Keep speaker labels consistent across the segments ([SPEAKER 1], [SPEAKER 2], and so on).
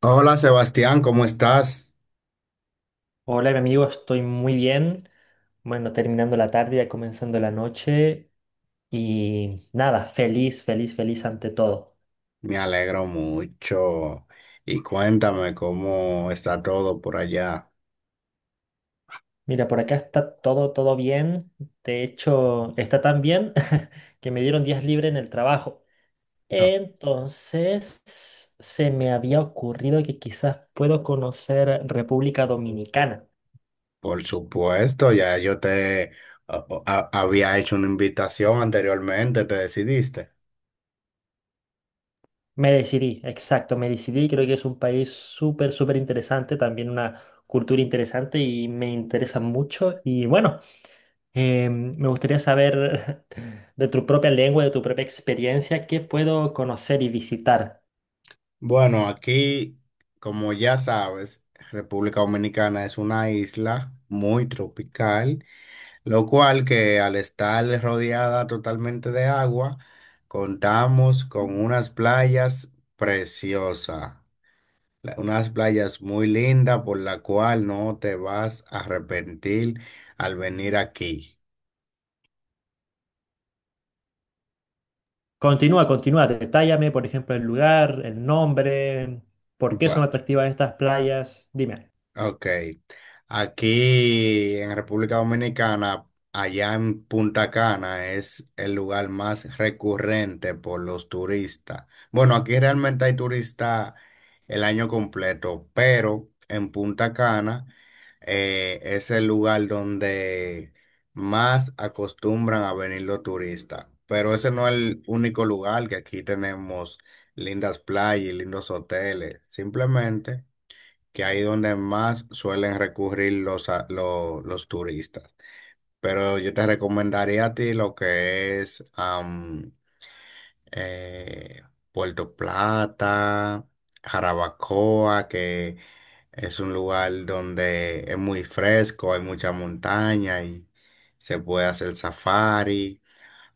[SPEAKER 1] Hola, Sebastián, ¿cómo estás?
[SPEAKER 2] Hola, mi amigo, estoy muy bien. Bueno, terminando la tarde, ya comenzando la noche y nada, feliz, feliz, feliz ante todo.
[SPEAKER 1] Me alegro mucho. Y cuéntame cómo está todo por allá.
[SPEAKER 2] Mira, por acá está todo, todo bien. De hecho, está tan bien que me dieron días libres en el trabajo.
[SPEAKER 1] No.
[SPEAKER 2] Entonces, se me había ocurrido que quizás puedo conocer República Dominicana.
[SPEAKER 1] Por supuesto, ya yo te había hecho una invitación anteriormente, te decidiste.
[SPEAKER 2] Me decidí, exacto, me decidí. Creo que es un país súper, súper interesante, también una cultura interesante y me interesa mucho. Y bueno, me gustaría saber de tu propia lengua, de tu propia experiencia, qué puedo conocer y visitar.
[SPEAKER 1] Bueno, aquí, como ya sabes, República Dominicana es una isla muy tropical, lo cual que al estar rodeada totalmente de agua, contamos con unas playas preciosas. Unas playas muy lindas por la cual no te vas a arrepentir al venir aquí.
[SPEAKER 2] Continúa, continúa, detállame, por ejemplo, el lugar, el nombre, por qué son atractivas estas playas. Dime.
[SPEAKER 1] Ok. Aquí en República Dominicana, allá en Punta Cana, es el lugar más recurrente por los turistas. Bueno, aquí realmente hay turistas el año completo, pero en Punta Cana es el lugar donde más acostumbran a venir los turistas. Pero ese no es el único lugar, que aquí tenemos lindas playas y lindos hoteles. Simplemente que ahí donde más suelen recurrir los turistas. Pero yo te recomendaría a ti lo que es eh, Puerto Plata, Jarabacoa, que es un lugar donde es muy fresco, hay mucha montaña y se puede hacer safari,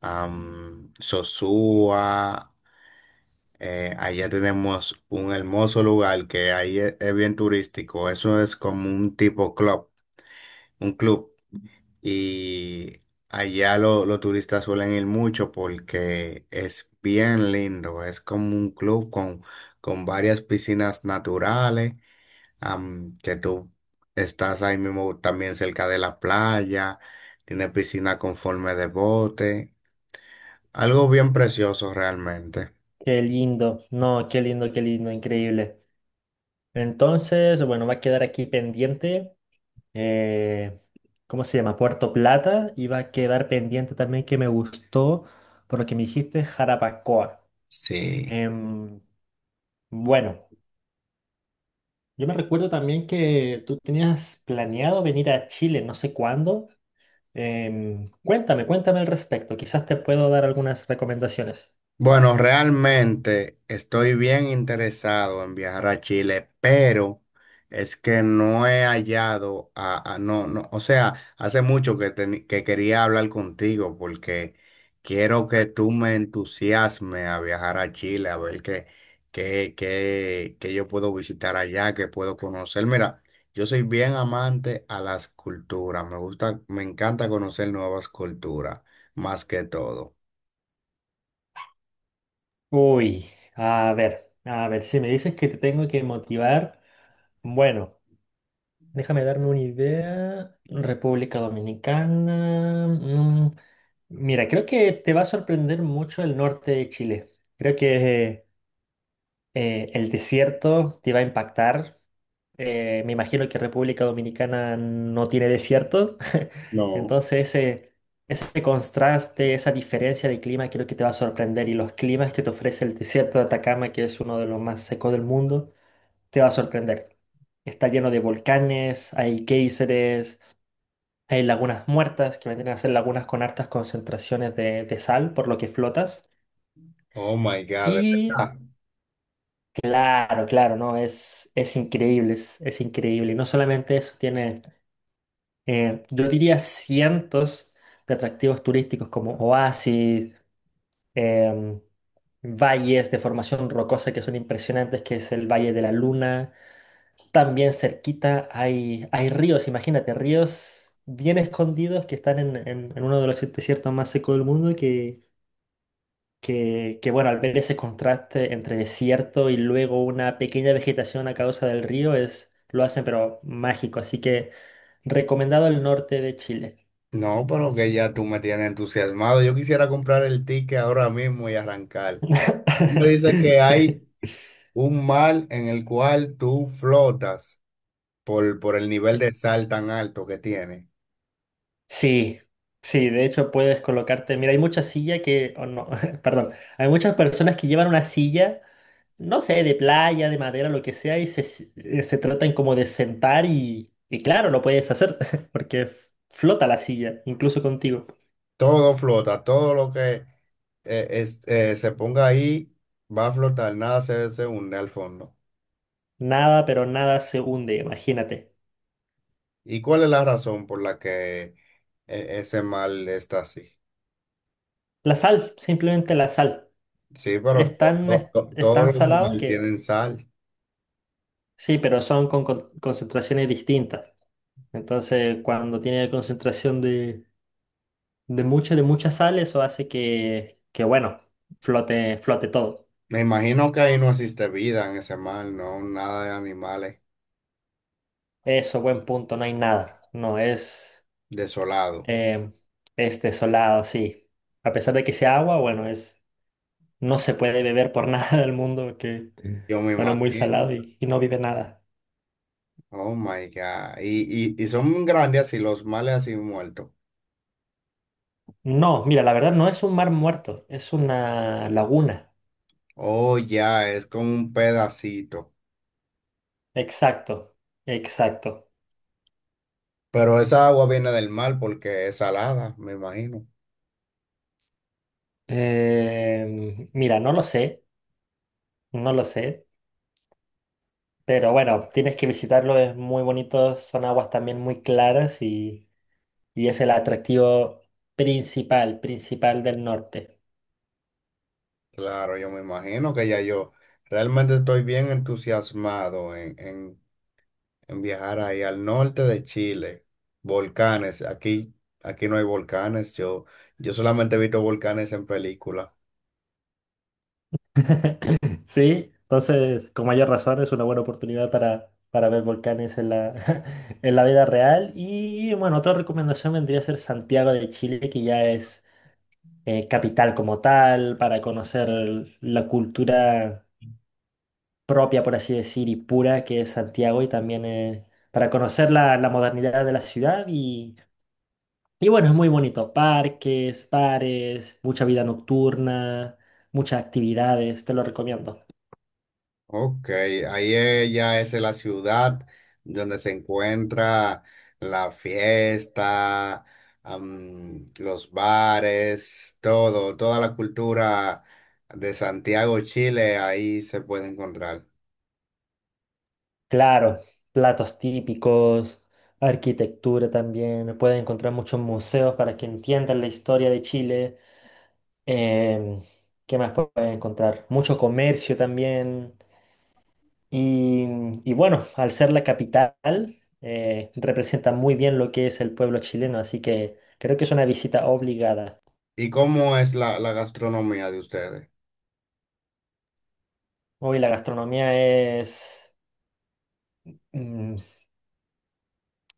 [SPEAKER 1] Sosúa. Allá tenemos un hermoso lugar que ahí es bien turístico. Eso es como un tipo club, un club. Y allá los turistas suelen ir mucho porque es bien lindo. Es como un club con varias piscinas naturales, que tú estás ahí mismo también cerca de la playa. Tiene piscina con forma de bote. Algo bien precioso realmente.
[SPEAKER 2] Qué lindo, no, qué lindo, increíble. Entonces, bueno, va a quedar aquí pendiente. eh, ¿Cómo se llama? Puerto Plata. Iba a quedar pendiente también que me gustó, por lo que me dijiste, Jarabacoa.
[SPEAKER 1] Sí.
[SPEAKER 2] Em, bueno, yo me recuerdo también que tú tenías planeado venir a Chile, no sé cuándo. Cuéntame, cuéntame al respecto. Quizás te puedo dar algunas recomendaciones.
[SPEAKER 1] Bueno, realmente estoy bien interesado en viajar a Chile, pero es que no he hallado no, no, o sea, hace mucho que, que quería hablar contigo porque quiero que tú me entusiasmes a viajar a Chile, a ver qué, qué yo puedo visitar allá, qué puedo conocer. Mira, yo soy bien amante a las culturas, me gusta, me encanta conocer nuevas culturas, más que todo.
[SPEAKER 2] Uy, a ver, si me dices que te tengo que motivar, bueno. Déjame darme una idea. República Dominicana. Mira, creo que te va a sorprender mucho el norte de Chile. Creo que el desierto te va a impactar. Me imagino que República Dominicana no tiene desierto.
[SPEAKER 1] No.
[SPEAKER 2] Entonces, ese contraste, esa diferencia de clima, creo que te va a sorprender. Y los climas que te ofrece el desierto de Atacama, que es uno de los más secos del mundo. Te va a sorprender. Está lleno de volcanes, hay géiseres, hay lagunas muertas, que vendrían a ser lagunas con hartas concentraciones de sal, por lo que flotas.
[SPEAKER 1] Oh my God, de
[SPEAKER 2] Y
[SPEAKER 1] verdad.
[SPEAKER 2] claro, claro, ¿no? Es increíble, es increíble. Y no solamente eso, tiene, yo diría, cientos de atractivos turísticos como oasis, em, valles de formación rocosa que son impresionantes, que es el Valle de la Luna. También cerquita hay ríos, imagínate, ríos bien escondidos que están en uno de los desiertos más secos del mundo que, bueno, al ver ese contraste entre desierto y luego una pequeña vegetación a causa del río es, lo hacen pero mágico, así que recomendado el norte de Chile.
[SPEAKER 1] No, pero que ya tú me tienes entusiasmado. Yo quisiera comprar el ticket ahora mismo y arrancar. Tú me dices que hay un mar en el cual tú flotas por el nivel de sal tan alto que tiene.
[SPEAKER 2] Sí, sí, de hecho puedes colocarte, mira, hay muchas sillas que, oh, no, perdón, hay muchas personas que llevan una silla, no sé, de playa, de madera, lo que sea, y se tratan como de sentar y claro, lo puedes hacer, porque flota la silla, incluso contigo.
[SPEAKER 1] Todo flota, todo lo que se ponga ahí va a flotar, nada se hunde al fondo.
[SPEAKER 2] Nada, pero nada se hunde, imagínate.
[SPEAKER 1] ¿Y cuál es la razón por la que ese mar está así?
[SPEAKER 2] La sal, simplemente la sal.
[SPEAKER 1] Sí, pero
[SPEAKER 2] Es tan
[SPEAKER 1] todos los
[SPEAKER 2] salado
[SPEAKER 1] mares
[SPEAKER 2] que,
[SPEAKER 1] tienen sal.
[SPEAKER 2] sí, pero son concentraciones distintas. Entonces, cuando tiene concentración de... de mucha sal, eso hace que bueno, flote todo.
[SPEAKER 1] Me imagino que ahí no existe vida en ese mar, no, nada de animales
[SPEAKER 2] Eso, buen punto, no hay nada. No, es
[SPEAKER 1] desolado.
[SPEAKER 2] em, es desolado, sí. A pesar de que sea agua, bueno, es, no se puede beber por nada del mundo, que,
[SPEAKER 1] Yo me
[SPEAKER 2] bueno, es muy
[SPEAKER 1] imagino.
[SPEAKER 2] salado y no vive nada.
[SPEAKER 1] Oh my God. Y, y son grandes así, los males así muertos.
[SPEAKER 2] No, mira, la verdad no es un mar muerto, es una laguna.
[SPEAKER 1] Oh, ya, es como un pedacito.
[SPEAKER 2] Exacto, exacto.
[SPEAKER 1] Pero esa agua viene del mar porque es salada, me imagino.
[SPEAKER 2] Mira, no lo sé, no lo sé. Pero bueno, tienes que visitarlo, es muy bonito, son aguas también muy claras y es el atractivo principal, principal del norte.
[SPEAKER 1] Claro, yo me imagino que ya yo realmente estoy bien entusiasmado en viajar ahí al norte de Chile, volcanes, aquí, aquí no hay volcanes, yo solamente he visto volcanes en película.
[SPEAKER 2] ¿Sí? Entonces, con mayor razón, es una buena oportunidad para ver volcanes en la, en la vida real. Y bueno, otra recomendación vendría a ser Santiago de Chile, que ya es capital como tal, para conocer la cultura propia, por así decir, y pura que es Santiago y también para conocer la, la modernidad de la ciudad y bueno, es muy bonito, parques, bares, mucha vida nocturna, muchas actividades, te lo recomiendo.
[SPEAKER 1] Ok, ahí ya es la ciudad donde se encuentra la fiesta, los bares, todo, toda la cultura de Santiago, Chile, ahí se puede encontrar.
[SPEAKER 2] Claro, platos típicos, arquitectura también, puedes encontrar muchos museos para que entiendan la historia de Chile. Em, ¿Qué más puedes encontrar? Mucho comercio también. Y, y bueno, al ser la capital, representa muy bien lo que es el pueblo chileno, así que creo que es una visita obligada.
[SPEAKER 1] ¿Y cómo es la, la gastronomía de ustedes?
[SPEAKER 2] Hoy la gastronomía es, mm,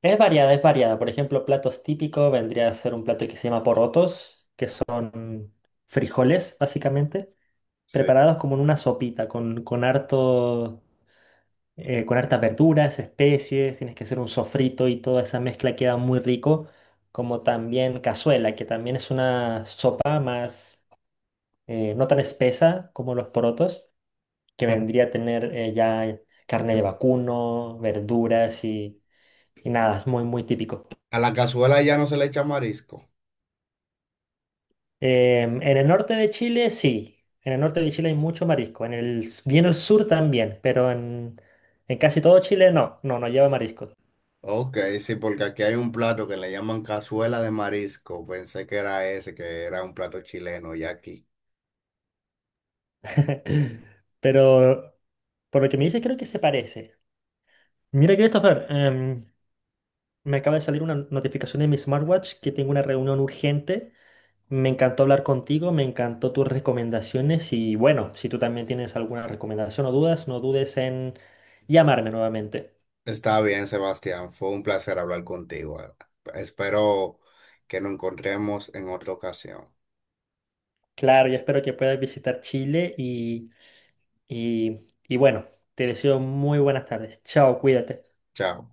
[SPEAKER 2] es variada, es variada. Por ejemplo, platos típicos vendría a ser un plato que se llama porotos, que son frijoles, básicamente,
[SPEAKER 1] Sí.
[SPEAKER 2] preparados como en una sopita, con harto, con hartas verduras, especies, tienes que hacer un sofrito y toda esa mezcla queda muy rico, como también cazuela, que también es una sopa más, no tan espesa como los porotos, que
[SPEAKER 1] Pero
[SPEAKER 2] vendría a tener ya carne de vacuno, verduras y nada, es muy, muy típico.
[SPEAKER 1] a la cazuela ya no se le echa marisco.
[SPEAKER 2] En el norte de Chile, sí. En el norte de Chile hay mucho marisco, en el, bien al sur también, pero en casi todo Chile no, no, no lleva marisco.
[SPEAKER 1] Ok, sí, porque aquí hay un plato que le llaman cazuela de marisco. Pensé que era ese, que era un plato chileno, y aquí.
[SPEAKER 2] Pero por lo que me dice, creo que se parece. Mira, Christopher, me acaba de salir una notificación en mi smartwatch que tengo una reunión urgente. Me encantó hablar contigo, me encantó tus recomendaciones y bueno, si tú también tienes alguna recomendación o dudas, no dudes en llamarme nuevamente.
[SPEAKER 1] Está bien, Sebastián, fue un placer hablar contigo. Espero que nos encontremos en otra ocasión.
[SPEAKER 2] Claro, yo espero que puedas visitar Chile y bueno, te deseo muy buenas tardes. Chao, cuídate.
[SPEAKER 1] Chao.